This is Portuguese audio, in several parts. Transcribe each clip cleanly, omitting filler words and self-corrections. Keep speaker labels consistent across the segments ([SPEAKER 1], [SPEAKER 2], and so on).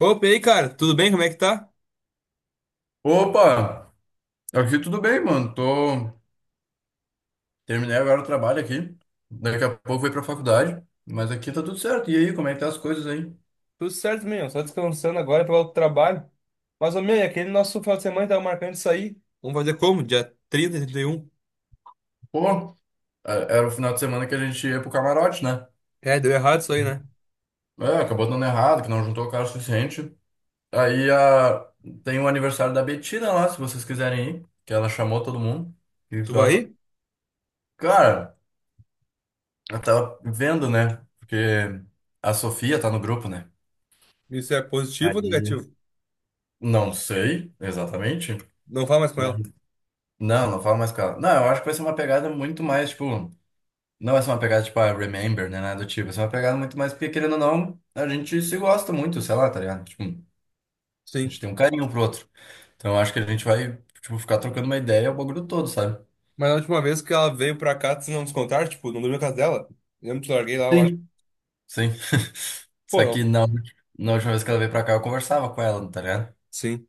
[SPEAKER 1] Opa, e aí, cara? Tudo bem? Como é que tá?
[SPEAKER 2] Opa, aqui tudo bem, mano. Tô... terminei agora o trabalho aqui. Daqui a pouco vou pra faculdade. Mas aqui tá tudo certo. E aí, como é que tá as coisas aí?
[SPEAKER 1] Tudo certo, meu. Só descansando agora para o trabalho. Mas, ô, meu, e aquele nosso final de semana que tava marcando isso aí. Vamos fazer como? Dia 30 e 31?
[SPEAKER 2] Pô, era o final de semana que a gente ia pro camarote, né?
[SPEAKER 1] É, deu errado isso aí, né?
[SPEAKER 2] É, acabou dando errado, que não juntou o cara o suficiente. Aí a... tem o aniversário da Betina lá, se vocês quiserem ir. Que ela chamou todo mundo. O que que
[SPEAKER 1] Tu
[SPEAKER 2] tu
[SPEAKER 1] vai
[SPEAKER 2] acha?
[SPEAKER 1] ir?
[SPEAKER 2] Cara, eu tava vendo, né? Porque a Sofia tá no grupo, né?
[SPEAKER 1] Isso é positivo ou
[SPEAKER 2] Aí.
[SPEAKER 1] negativo?
[SPEAKER 2] Não sei exatamente.
[SPEAKER 1] Não fala mais com ela.
[SPEAKER 2] Não, não falo mais com ela. Não, eu acho que vai ser uma pegada muito mais, tipo. Não vai ser uma pegada tipo, ah, Remember, né? Nada do tipo. Vai ser uma pegada muito mais, porque querendo ou não, a gente se gosta muito, sei lá, tá ligado? Tipo, a
[SPEAKER 1] Sim.
[SPEAKER 2] gente tem um carinho um pro outro. Então eu acho que a gente vai, tipo, ficar trocando uma ideia o bagulho todo, sabe?
[SPEAKER 1] Mas na última vez que ela veio pra cá, tu não nos contaram, tipo, não dormiu na casa dela? Lembra que te larguei lá, eu acho.
[SPEAKER 2] Sim. Sim. Só
[SPEAKER 1] Pô,
[SPEAKER 2] que
[SPEAKER 1] não.
[SPEAKER 2] não, na última vez que ela veio pra cá, eu conversava com ela, tá ligado?
[SPEAKER 1] Sim.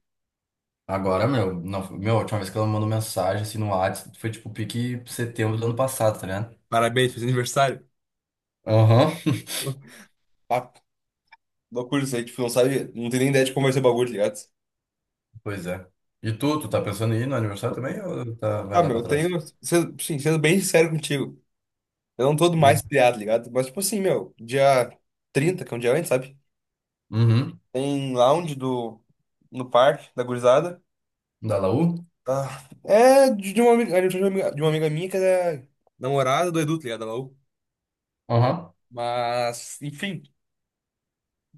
[SPEAKER 2] Agora, meu, não, meu, a última vez que ela me mandou mensagem assim no WhatsApp foi tipo pique setembro do ano passado, tá ligado?
[SPEAKER 1] Parabéns, fez aniversário.
[SPEAKER 2] Aham.
[SPEAKER 1] Ah, loucura isso aí. Tipo, não sabe, não tem nem ideia de como vai ser o bagulho, tá ligado?
[SPEAKER 2] Pois é. E tu tá pensando em ir no aniversário também ou tá, vai
[SPEAKER 1] Ah,
[SPEAKER 2] dar
[SPEAKER 1] meu,
[SPEAKER 2] pra
[SPEAKER 1] eu
[SPEAKER 2] trás?
[SPEAKER 1] tenho. Sim, sendo bem sincero contigo. Eu não tô do mais
[SPEAKER 2] Hum.
[SPEAKER 1] pilhado, ligado? Mas, tipo assim, meu, dia 30 que é um dia antes, sabe?
[SPEAKER 2] Uhum.
[SPEAKER 1] Tem lounge no parque, da gurizada.
[SPEAKER 2] Da Laú?
[SPEAKER 1] Ah, é de uma amiga, é de uma amiga minha que é namorada do Edu, tá ligado? Da Laú.
[SPEAKER 2] Aham.
[SPEAKER 1] Mas, enfim,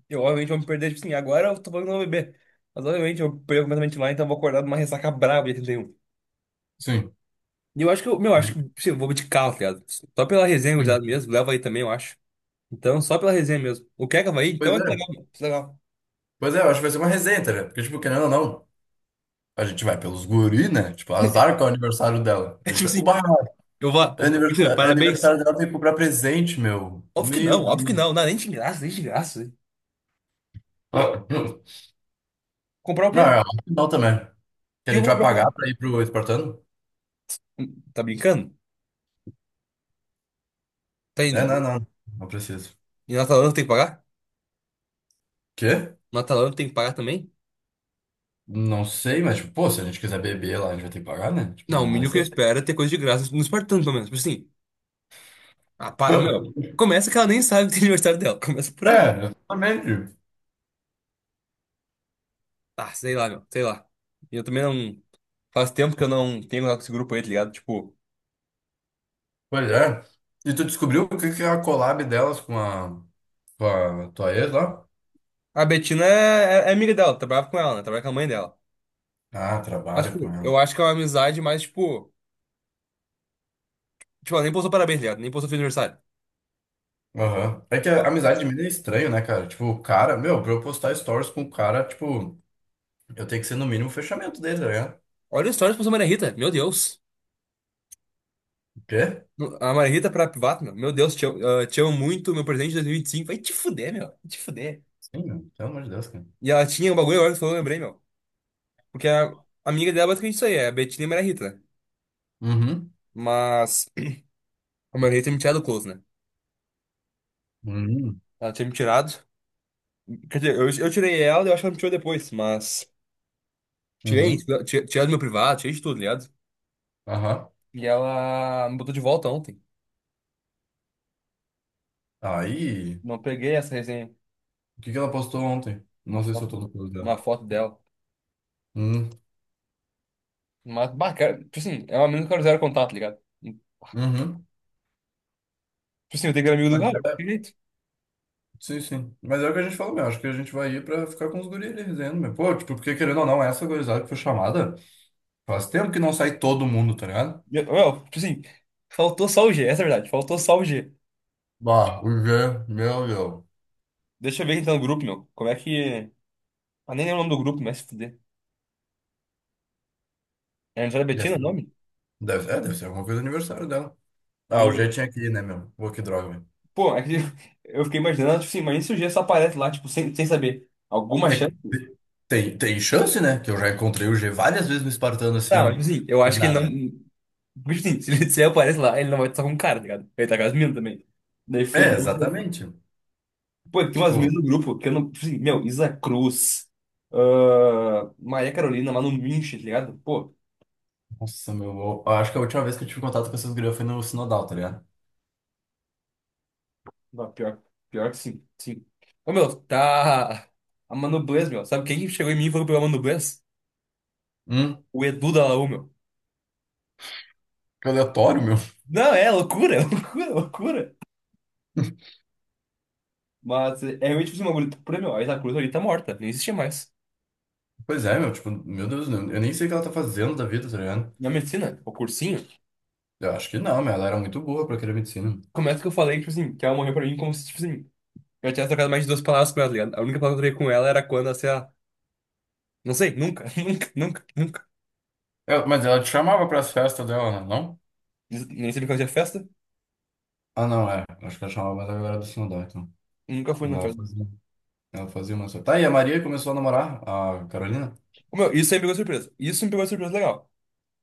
[SPEAKER 1] eu obviamente vou me perder, tipo assim, agora eu tô falando que não vou beber. Mas, obviamente, eu perco completamente lá, então eu vou acordar numa ressaca braba dia 31.
[SPEAKER 2] Sim.
[SPEAKER 1] E um. E eu acho que, sim, eu vou de carro, tá ligado? Só pela resenha,
[SPEAKER 2] Sim.
[SPEAKER 1] gurizada, mesmo. Leva aí também, eu acho. Então, só pela resenha mesmo. O que é que vai aí então
[SPEAKER 2] Pois
[SPEAKER 1] é que
[SPEAKER 2] é.
[SPEAKER 1] legal, mano. Que legal.
[SPEAKER 2] Pois é, eu acho que vai ser uma resenha, tá ligado? Porque, tipo, querendo ou não, a gente vai pelos guri, né? Tipo, azar com o aniversário dela.
[SPEAKER 1] É
[SPEAKER 2] A
[SPEAKER 1] tipo
[SPEAKER 2] gente vai...
[SPEAKER 1] assim,
[SPEAKER 2] Uba!
[SPEAKER 1] eu vou.
[SPEAKER 2] é
[SPEAKER 1] Imagina,
[SPEAKER 2] Aniversário, é
[SPEAKER 1] parabéns.
[SPEAKER 2] aniversário dela, tem que comprar presente, meu.
[SPEAKER 1] Óbvio que não,
[SPEAKER 2] Meu
[SPEAKER 1] óbvio
[SPEAKER 2] Deus.
[SPEAKER 1] que não. Não, é nem de graça, nem de graça.
[SPEAKER 2] Ah,
[SPEAKER 1] Comprar o
[SPEAKER 2] não,
[SPEAKER 1] quê? O
[SPEAKER 2] é não também. Que a
[SPEAKER 1] que eu
[SPEAKER 2] gente
[SPEAKER 1] vou
[SPEAKER 2] vai
[SPEAKER 1] comprar pra
[SPEAKER 2] pagar
[SPEAKER 1] ela?
[SPEAKER 2] pra ir pro Espartano?
[SPEAKER 1] Tá brincando?
[SPEAKER 2] É,
[SPEAKER 1] Tem.
[SPEAKER 2] não, não. Não preciso.
[SPEAKER 1] E na Atalanta tem que pagar?
[SPEAKER 2] Quê?
[SPEAKER 1] Na Atalanta tem que pagar também?
[SPEAKER 2] Não sei, mas, tipo, pô, se a gente quiser beber lá, a gente vai ter que pagar, né? Tipo,
[SPEAKER 1] Não, o
[SPEAKER 2] não vai
[SPEAKER 1] mínimo que eu
[SPEAKER 2] ser.
[SPEAKER 1] espero é ter coisa de graça no Espartano, pelo menos. Tipo assim. Ah, para, meu. Começa que ela nem sabe que tem aniversário dela. Começa por aí.
[SPEAKER 2] É, exatamente.
[SPEAKER 1] Ah, sei lá, meu. Sei lá. E eu também não. Faz tempo que eu não tenho contato com esse grupo aí, tá ligado? Tipo,
[SPEAKER 2] Pois é. E tu descobriu o que que é a collab delas com a tua ex lá?
[SPEAKER 1] a Betina é amiga dela, trabalhava com ela, né? Trabalha com a mãe dela.
[SPEAKER 2] Ah,
[SPEAKER 1] Mas,
[SPEAKER 2] trabalho
[SPEAKER 1] tipo,
[SPEAKER 2] com ela.
[SPEAKER 1] eu acho que é uma amizade mais, tipo. Tipo, ela nem postou parabéns, tá ligado? Nem postou feliz aniversário.
[SPEAKER 2] Aham. É que a
[SPEAKER 1] Não.
[SPEAKER 2] amizade de mim é estranho, né, cara? Tipo, o cara, meu, pra eu postar stories com o cara, tipo, eu tenho que ser no mínimo o fechamento dele, tá ligado?
[SPEAKER 1] Olha o stories que postou a Maria Rita, meu Deus.
[SPEAKER 2] O quê?
[SPEAKER 1] A Maria Rita pra privado, meu. Meu Deus, te amo, ah, te amo muito, meu presente de 2025. Vai te fuder, meu. Vai te fuder.
[SPEAKER 2] Sim, meu, pelo amor de Deus, cara.
[SPEAKER 1] E ela tinha um bagulho agora que tu falou, eu lembrei, meu. Porque a amiga dela é basicamente isso aí, é a Betina e a Maria Rita, né?
[SPEAKER 2] Uhum.
[SPEAKER 1] Mas a Maria Rita tinha me tirado o close, né?
[SPEAKER 2] Uhum.
[SPEAKER 1] Ela tinha me tirado. Quer dizer, eu tirei ela, e eu acho que ela me tirou depois, mas. Tirei,
[SPEAKER 2] Uhum.
[SPEAKER 1] tirei, tirei do meu privado, tirei de tudo, tá ligado?
[SPEAKER 2] Aham.
[SPEAKER 1] E ela me botou de volta ontem.
[SPEAKER 2] Aí,
[SPEAKER 1] Não peguei essa resenha,
[SPEAKER 2] o que que ela postou ontem?
[SPEAKER 1] uma
[SPEAKER 2] Não sei se eu tô
[SPEAKER 1] foto,
[SPEAKER 2] no curso dela.
[SPEAKER 1] uma foto dela.
[SPEAKER 2] Hum.
[SPEAKER 1] Mas, bah, cara, tipo assim, é um amigo que eu quero zero contato, tá ligado? Tipo
[SPEAKER 2] Uhum.
[SPEAKER 1] assim, eu tenho que ser amigo do Galo, que jeito?
[SPEAKER 2] Sim, sim. Mas é o que a gente falou, meu. Acho que a gente vai ir pra ficar com os guris ali resenhando, meu. Pô, tipo, porque querendo ou não, essa gurizada que foi chamada, faz tempo que não sai todo mundo, tá ligado?
[SPEAKER 1] Meu, tipo assim, faltou só o G, essa é a verdade, faltou só o G.
[SPEAKER 2] Bah, o G, meu, meu.
[SPEAKER 1] Deixa eu ver quem tá no grupo, meu. Como é que. Ah, nem lembro o nome do grupo, mas se fuder. É Angela
[SPEAKER 2] Deve
[SPEAKER 1] Bettina o
[SPEAKER 2] ser,
[SPEAKER 1] nome?
[SPEAKER 2] deve ser alguma coisa do aniversário dela. Ah, o
[SPEAKER 1] O.
[SPEAKER 2] G tinha que ir, né, meu? Pô, que droga, meu.
[SPEAKER 1] Pô, é que eu fiquei imaginando, tipo assim, mas e se o G só aparece lá, tipo, sem saber? Alguma chance?
[SPEAKER 2] Tem, tem chance, né? Que eu já encontrei o G várias vezes no Espartano,
[SPEAKER 1] Tá, mas,
[SPEAKER 2] assim,
[SPEAKER 1] tipo assim, eu
[SPEAKER 2] por
[SPEAKER 1] acho que ele não.
[SPEAKER 2] nada.
[SPEAKER 1] Tipo assim, se ele aparece lá, ele não vai estar com o cara, tá ligado? Ele tá com as minas também. Daí
[SPEAKER 2] É,
[SPEAKER 1] fudeu.
[SPEAKER 2] exatamente.
[SPEAKER 1] Pô, tem umas
[SPEAKER 2] Tipo,
[SPEAKER 1] meninas no grupo que eu não, tipo assim, meu, Isa Cruz, ah, Maria Carolina, Manu Minch, tá ligado? Pô,
[SPEAKER 2] nossa, meu. Eu acho que a última vez que eu tive contato com essas gurias foi no Sinodal, tá ligado?
[SPEAKER 1] não, pior, pior que sim, sim. Ô, meu, tá. A Manu Blaze, meu. Sabe quem chegou em mim e falou pela Manu Blaze?
[SPEAKER 2] Hum,
[SPEAKER 1] O Edu da Laú, meu.
[SPEAKER 2] que aleatório, meu.
[SPEAKER 1] Não, é loucura, loucura, loucura. Mas é realmente tipo, assim, uma bagulho. Por meu, a Isa Cruz ali tá morta, nem existia mais.
[SPEAKER 2] Pois é, meu, tipo, meu Deus, eu nem sei o que ela tá fazendo da vida, tá ligado?
[SPEAKER 1] Na medicina, o cursinho,
[SPEAKER 2] Eu acho que não, meu, ela era muito boa pra querer medicina.
[SPEAKER 1] começa que eu falei, tipo assim, que ela morreu pra mim como se, tipo assim, eu tivesse trocado mais de duas palavras com ela, tá ligado? A única palavra que eu troquei com ela era quando, assim, a Não sei, nunca, nunca, nunca, nunca.
[SPEAKER 2] É, mas ela te chamava pras festas dela, né, não?
[SPEAKER 1] Nem sempre que eu tinha festa,
[SPEAKER 2] Ah, não, é. Acho que ela chamava, mas ela era do Sinodó, então.
[SPEAKER 1] nunca fui
[SPEAKER 2] Mas
[SPEAKER 1] na
[SPEAKER 2] ela
[SPEAKER 1] festa.
[SPEAKER 2] fazia. Ela fazia uma só. Tá, e a Maria começou a namorar a Carolina?
[SPEAKER 1] Ô, meu, isso aí me pegou de surpresa. Isso me pegou de surpresa legal.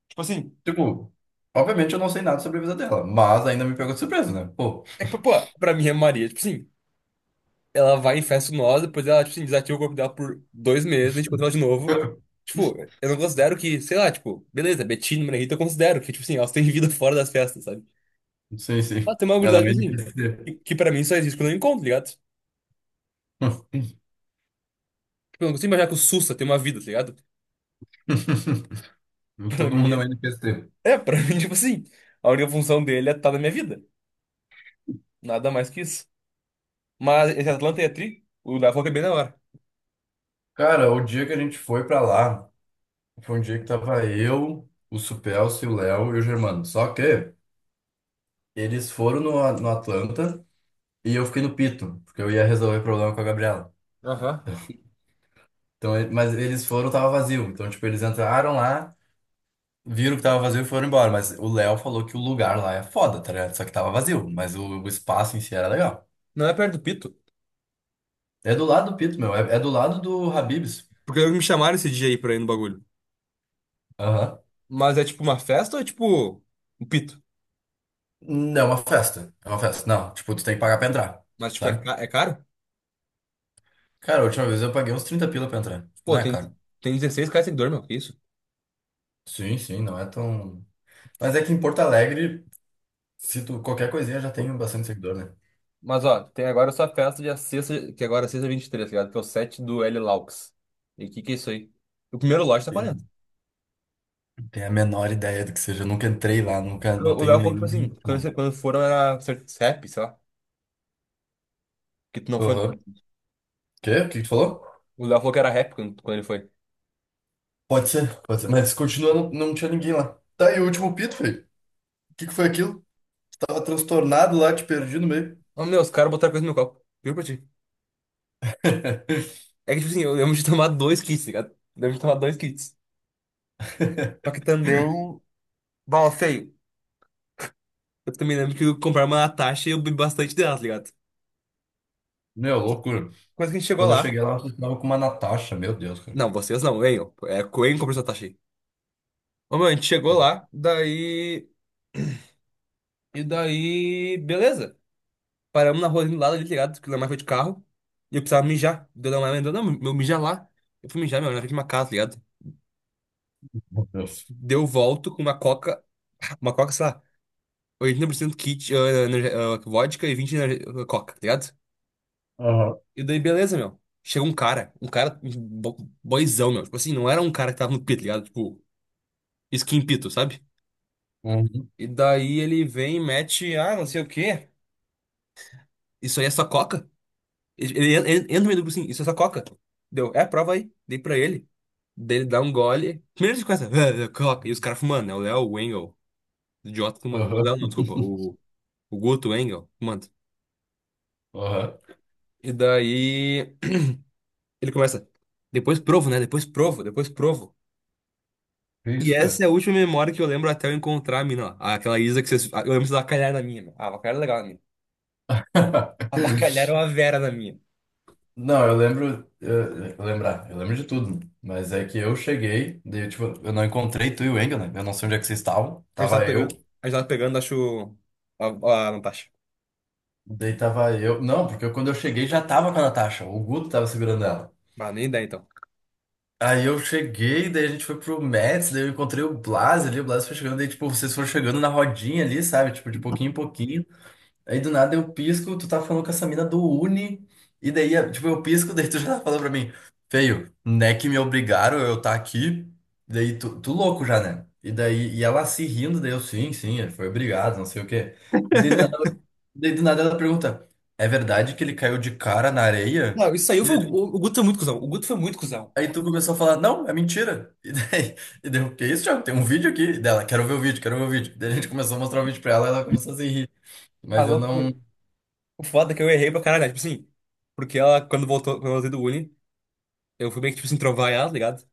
[SPEAKER 1] Tipo assim,
[SPEAKER 2] Tipo, obviamente eu não sei nada sobre a vida dela, mas ainda me pegou de surpresa, né? Pô,
[SPEAKER 1] é que, pô, pra mim é Maria, tipo assim, ela vai em festa nós, depois ela, tipo assim, desativa o corpo dela por 2 meses, a gente encontra ela de novo. Tipo, eu não considero que, sei lá, tipo, beleza, Betina, Maria Rita, eu considero que, tipo assim, elas têm vida fora das festas, sabe?
[SPEAKER 2] sim,
[SPEAKER 1] Ela
[SPEAKER 2] sim.
[SPEAKER 1] tem uma
[SPEAKER 2] Ela é
[SPEAKER 1] gurizada,
[SPEAKER 2] uma
[SPEAKER 1] tipo assim,
[SPEAKER 2] NPC.
[SPEAKER 1] que pra mim só existe quando eu encontro, tá ligado? Tipo, eu não consigo imaginar que o Sussa tem uma vida, tá ligado? Pra
[SPEAKER 2] Todo
[SPEAKER 1] mim,
[SPEAKER 2] mundo é um
[SPEAKER 1] ele,
[SPEAKER 2] NPC.
[SPEAKER 1] é, pra mim, tipo assim, a única função dele é estar na minha vida. Nada mais que isso. Mas esse Atlanta é tri, o da Foca é bem da hora.
[SPEAKER 2] Cara, o dia que a gente foi pra lá. Foi um dia que tava eu, o Supelcio, o Léo e o Germano. Só que eles foram no Atlanta e eu fiquei no Pito, porque eu ia resolver o problema com a Gabriela.
[SPEAKER 1] Aham.
[SPEAKER 2] Então, mas eles foram, tava vazio. Então, tipo, eles entraram lá, viram que tava vazio e foram embora. Mas o Léo falou que o lugar lá é foda, tá ligado? Só que tava vazio, mas o espaço em si era legal.
[SPEAKER 1] Não é perto do Pito.
[SPEAKER 2] É do lado do Pito, meu. É, é do lado do Habib's.
[SPEAKER 1] Porque me chamaram esse dia aí pra ir no bagulho.
[SPEAKER 2] Aham.
[SPEAKER 1] Mas é tipo uma festa ou é tipo um Pito?
[SPEAKER 2] Não, é uma festa. É uma festa. Não, tipo, tu tem que pagar pra entrar,
[SPEAKER 1] Mas tipo, é,
[SPEAKER 2] sabe?
[SPEAKER 1] ca- é caro?
[SPEAKER 2] Cara, a última vez eu paguei uns 30 pila pra entrar. Não
[SPEAKER 1] Pô,
[SPEAKER 2] é
[SPEAKER 1] tem,
[SPEAKER 2] caro.
[SPEAKER 1] tem 16 caras seguidor, meu. Que isso?
[SPEAKER 2] Sim, sim, não é tão. Mas é que em Porto Alegre, se tu qualquer coisinha já tem bastante seguidor, né?
[SPEAKER 1] Mas ó, tem agora só a festa de sexta, que agora é sexta 23, tá ligado? Que é o set do L Laux. E o que que é isso aí? O primeiro lote tá 40.
[SPEAKER 2] Eu não tenho a menor ideia do que seja. Eu nunca entrei lá, nunca,
[SPEAKER 1] O
[SPEAKER 2] não
[SPEAKER 1] o
[SPEAKER 2] tenho
[SPEAKER 1] Léo falou que,
[SPEAKER 2] nem.
[SPEAKER 1] tipo assim,
[SPEAKER 2] Não.
[SPEAKER 1] quando foram era rap, sei lá. Que tu não foi, no
[SPEAKER 2] Aham.
[SPEAKER 1] caso.
[SPEAKER 2] Quê? O que que tu falou?
[SPEAKER 1] O Léo falou que era rap quando ele foi.
[SPEAKER 2] Pode ser, pode ser. Mas continuando, não tinha ninguém lá. Tá, e o último pito, feio. O que que foi aquilo? Tava transtornado lá, te perdi no meio.
[SPEAKER 1] Ô, meu, os caras botaram coisa no meu copo. Juro pra ti. É que, tipo assim, eu lembro de tomar dois kits, tá ligado? Eu lembro de tomar dois kits. Só que também. Bom, feio. Eu também lembro que eu comprei uma Natasha e eu bebi bastante dela, tá ligado?
[SPEAKER 2] Meu, loucura.
[SPEAKER 1] Quando que a gente
[SPEAKER 2] E
[SPEAKER 1] chegou
[SPEAKER 2] quando eu
[SPEAKER 1] lá.
[SPEAKER 2] cheguei lá, eu tava com uma Natasha, meu Deus, cara.
[SPEAKER 1] Não, vocês não, venham. É, Coen comprou essa Natasha aí. Ô, meu, a gente chegou lá, daí. E daí. Beleza. Paramos na rua ali do lado ali, tá ligado? Que o Lemar foi de carro. E eu precisava mijar. Deu Lemar mandou, não, meu, mijar lá. Eu fui mijar, meu, na frente de uma casa, tá ligado?
[SPEAKER 2] Meu Deus.
[SPEAKER 1] Deu volto com uma coca. Uma coca, sei lá. 80% kit, vodka e 20% coca, tá ligado?
[SPEAKER 2] Aham.
[SPEAKER 1] E daí, beleza, meu. Chega um cara, um boyzão, meu. Tipo assim, não era um cara que tava no pito, tá ligado? Tipo, skin pito, sabe?
[SPEAKER 2] Uhum.
[SPEAKER 1] E daí ele vem e mete, ah, não sei o quê. Isso aí é só coca? Ele entra no meio do grupo assim, isso é só coca. Deu, é, prova aí. Dei pra ele. Daí ele dá um gole. Primeiro ele começa, "Ah, é coca. E os caras fumando, né? O Léo, o Engel, o idiota fumando. O
[SPEAKER 2] Aham.
[SPEAKER 1] Léo não, desculpa, o Guto, o Engel, fumando.
[SPEAKER 2] Aham.
[SPEAKER 1] E daí ele começa, depois provo, né? Depois provo, depois provo.
[SPEAKER 2] Que
[SPEAKER 1] E
[SPEAKER 2] isso,
[SPEAKER 1] essa é
[SPEAKER 2] cara?
[SPEAKER 1] a última memória que eu lembro até eu encontrar a mina, ó. Aquela Isa que vocês. Eu lembro que vocês avacalharam a minha, meu. Ah, avacalharam é legal a minha. Avacalharam a Vera na minha.
[SPEAKER 2] Não, eu lembro, eu lembro de tudo, mas é que eu cheguei, daí, tipo, eu não encontrei tu e o Engel, né? Eu não sei onde é que vocês estavam,
[SPEAKER 1] A gente tava
[SPEAKER 2] tava eu,
[SPEAKER 1] pegando, a gente tava pegando, acho. A, a Natasha.
[SPEAKER 2] daí tava eu, não, porque eu- quando eu cheguei já tava com a Natasha, o Guto tava segurando ela.
[SPEAKER 1] Ah, nem ideia então.
[SPEAKER 2] Aí eu cheguei, daí a gente foi pro Mets, daí eu encontrei o Blas ali, o Blas foi chegando, daí, tipo, vocês foram chegando na rodinha ali, sabe? Tipo, de pouquinho em pouquinho. Aí do nada eu pisco, tu tá falando com essa mina do Uni, e daí, tipo, eu pisco, daí tu já tá falando pra mim, feio, né que me obrigaram eu tá aqui, daí tu, tu louco já, né? E daí, e ela se rindo, daí eu, sim, sim, ele foi obrigado, não sei o quê. Daí do nada, ela pergunta, é verdade que ele caiu de cara na areia?
[SPEAKER 1] Não, isso aí
[SPEAKER 2] E
[SPEAKER 1] foi.
[SPEAKER 2] daí,
[SPEAKER 1] O,
[SPEAKER 2] tipo,
[SPEAKER 1] o Guto foi muito cuzão. O Guto foi muito cuzão.
[SPEAKER 2] aí tu começou a falar, não, é mentira. E daí, eu, que é isso, Thiago? Tem um vídeo aqui E dela, quero ver o vídeo, quero ver o vídeo. Daí a gente começou a mostrar o vídeo pra ela, ela começou a se rir,
[SPEAKER 1] Ah,
[SPEAKER 2] mas eu
[SPEAKER 1] loucura.
[SPEAKER 2] não...
[SPEAKER 1] O foda é que eu errei pra caralho, né? Tipo assim. Porque ela, quando voltou, quando eu voltei do Uni, eu fui meio que, tipo assim, trovar ela, tá ligado?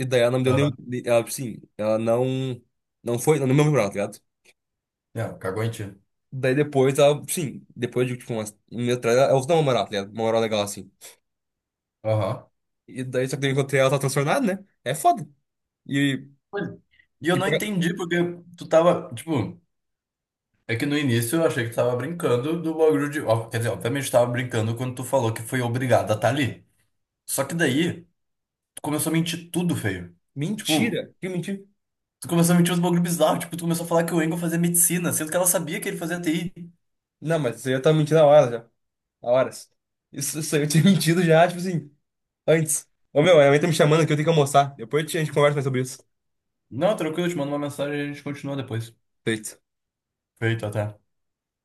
[SPEAKER 1] E daí ela não me deu nenhum.
[SPEAKER 2] Aham.
[SPEAKER 1] Ela, tipo assim, ela não. Não foi. Não me lembrou, tá ligado?
[SPEAKER 2] Não, cagou em ti.
[SPEAKER 1] Daí depois, ela, sim, depois de tipo, umas, um mês atrás, ela usou uma moral, tá ligado? Uma moral legal assim.
[SPEAKER 2] Aham.
[SPEAKER 1] E daí só que eu encontrei ela, tá transtornada, né? É foda. E,
[SPEAKER 2] Pois- é. E eu
[SPEAKER 1] e
[SPEAKER 2] não entendi porque tu tava, tipo, é que no início eu achei que tu tava brincando do bagulho de. Ó, quer dizer, obviamente tu tava brincando quando tu falou que foi obrigado a estar ali. Só que daí, tu começou a mentir tudo feio. Tipo,
[SPEAKER 1] Mentira! Que mentira!
[SPEAKER 2] tu começou a mentir uns bagulho bizarro. Tipo, tu começou a falar que o Engel fazia medicina, sendo que ela sabia que ele fazia TI.
[SPEAKER 1] Não, mas você já tá mentindo há horas já. Há horas. Isso aí eu tinha mentido já, tipo assim, antes. Ô meu, a minha mãe tá me chamando aqui, eu tenho que almoçar. Depois a gente conversa mais sobre isso.
[SPEAKER 2] Não, tranquilo, eu te mando uma mensagem e a gente continua depois.
[SPEAKER 1] Feito.
[SPEAKER 2] Feito até.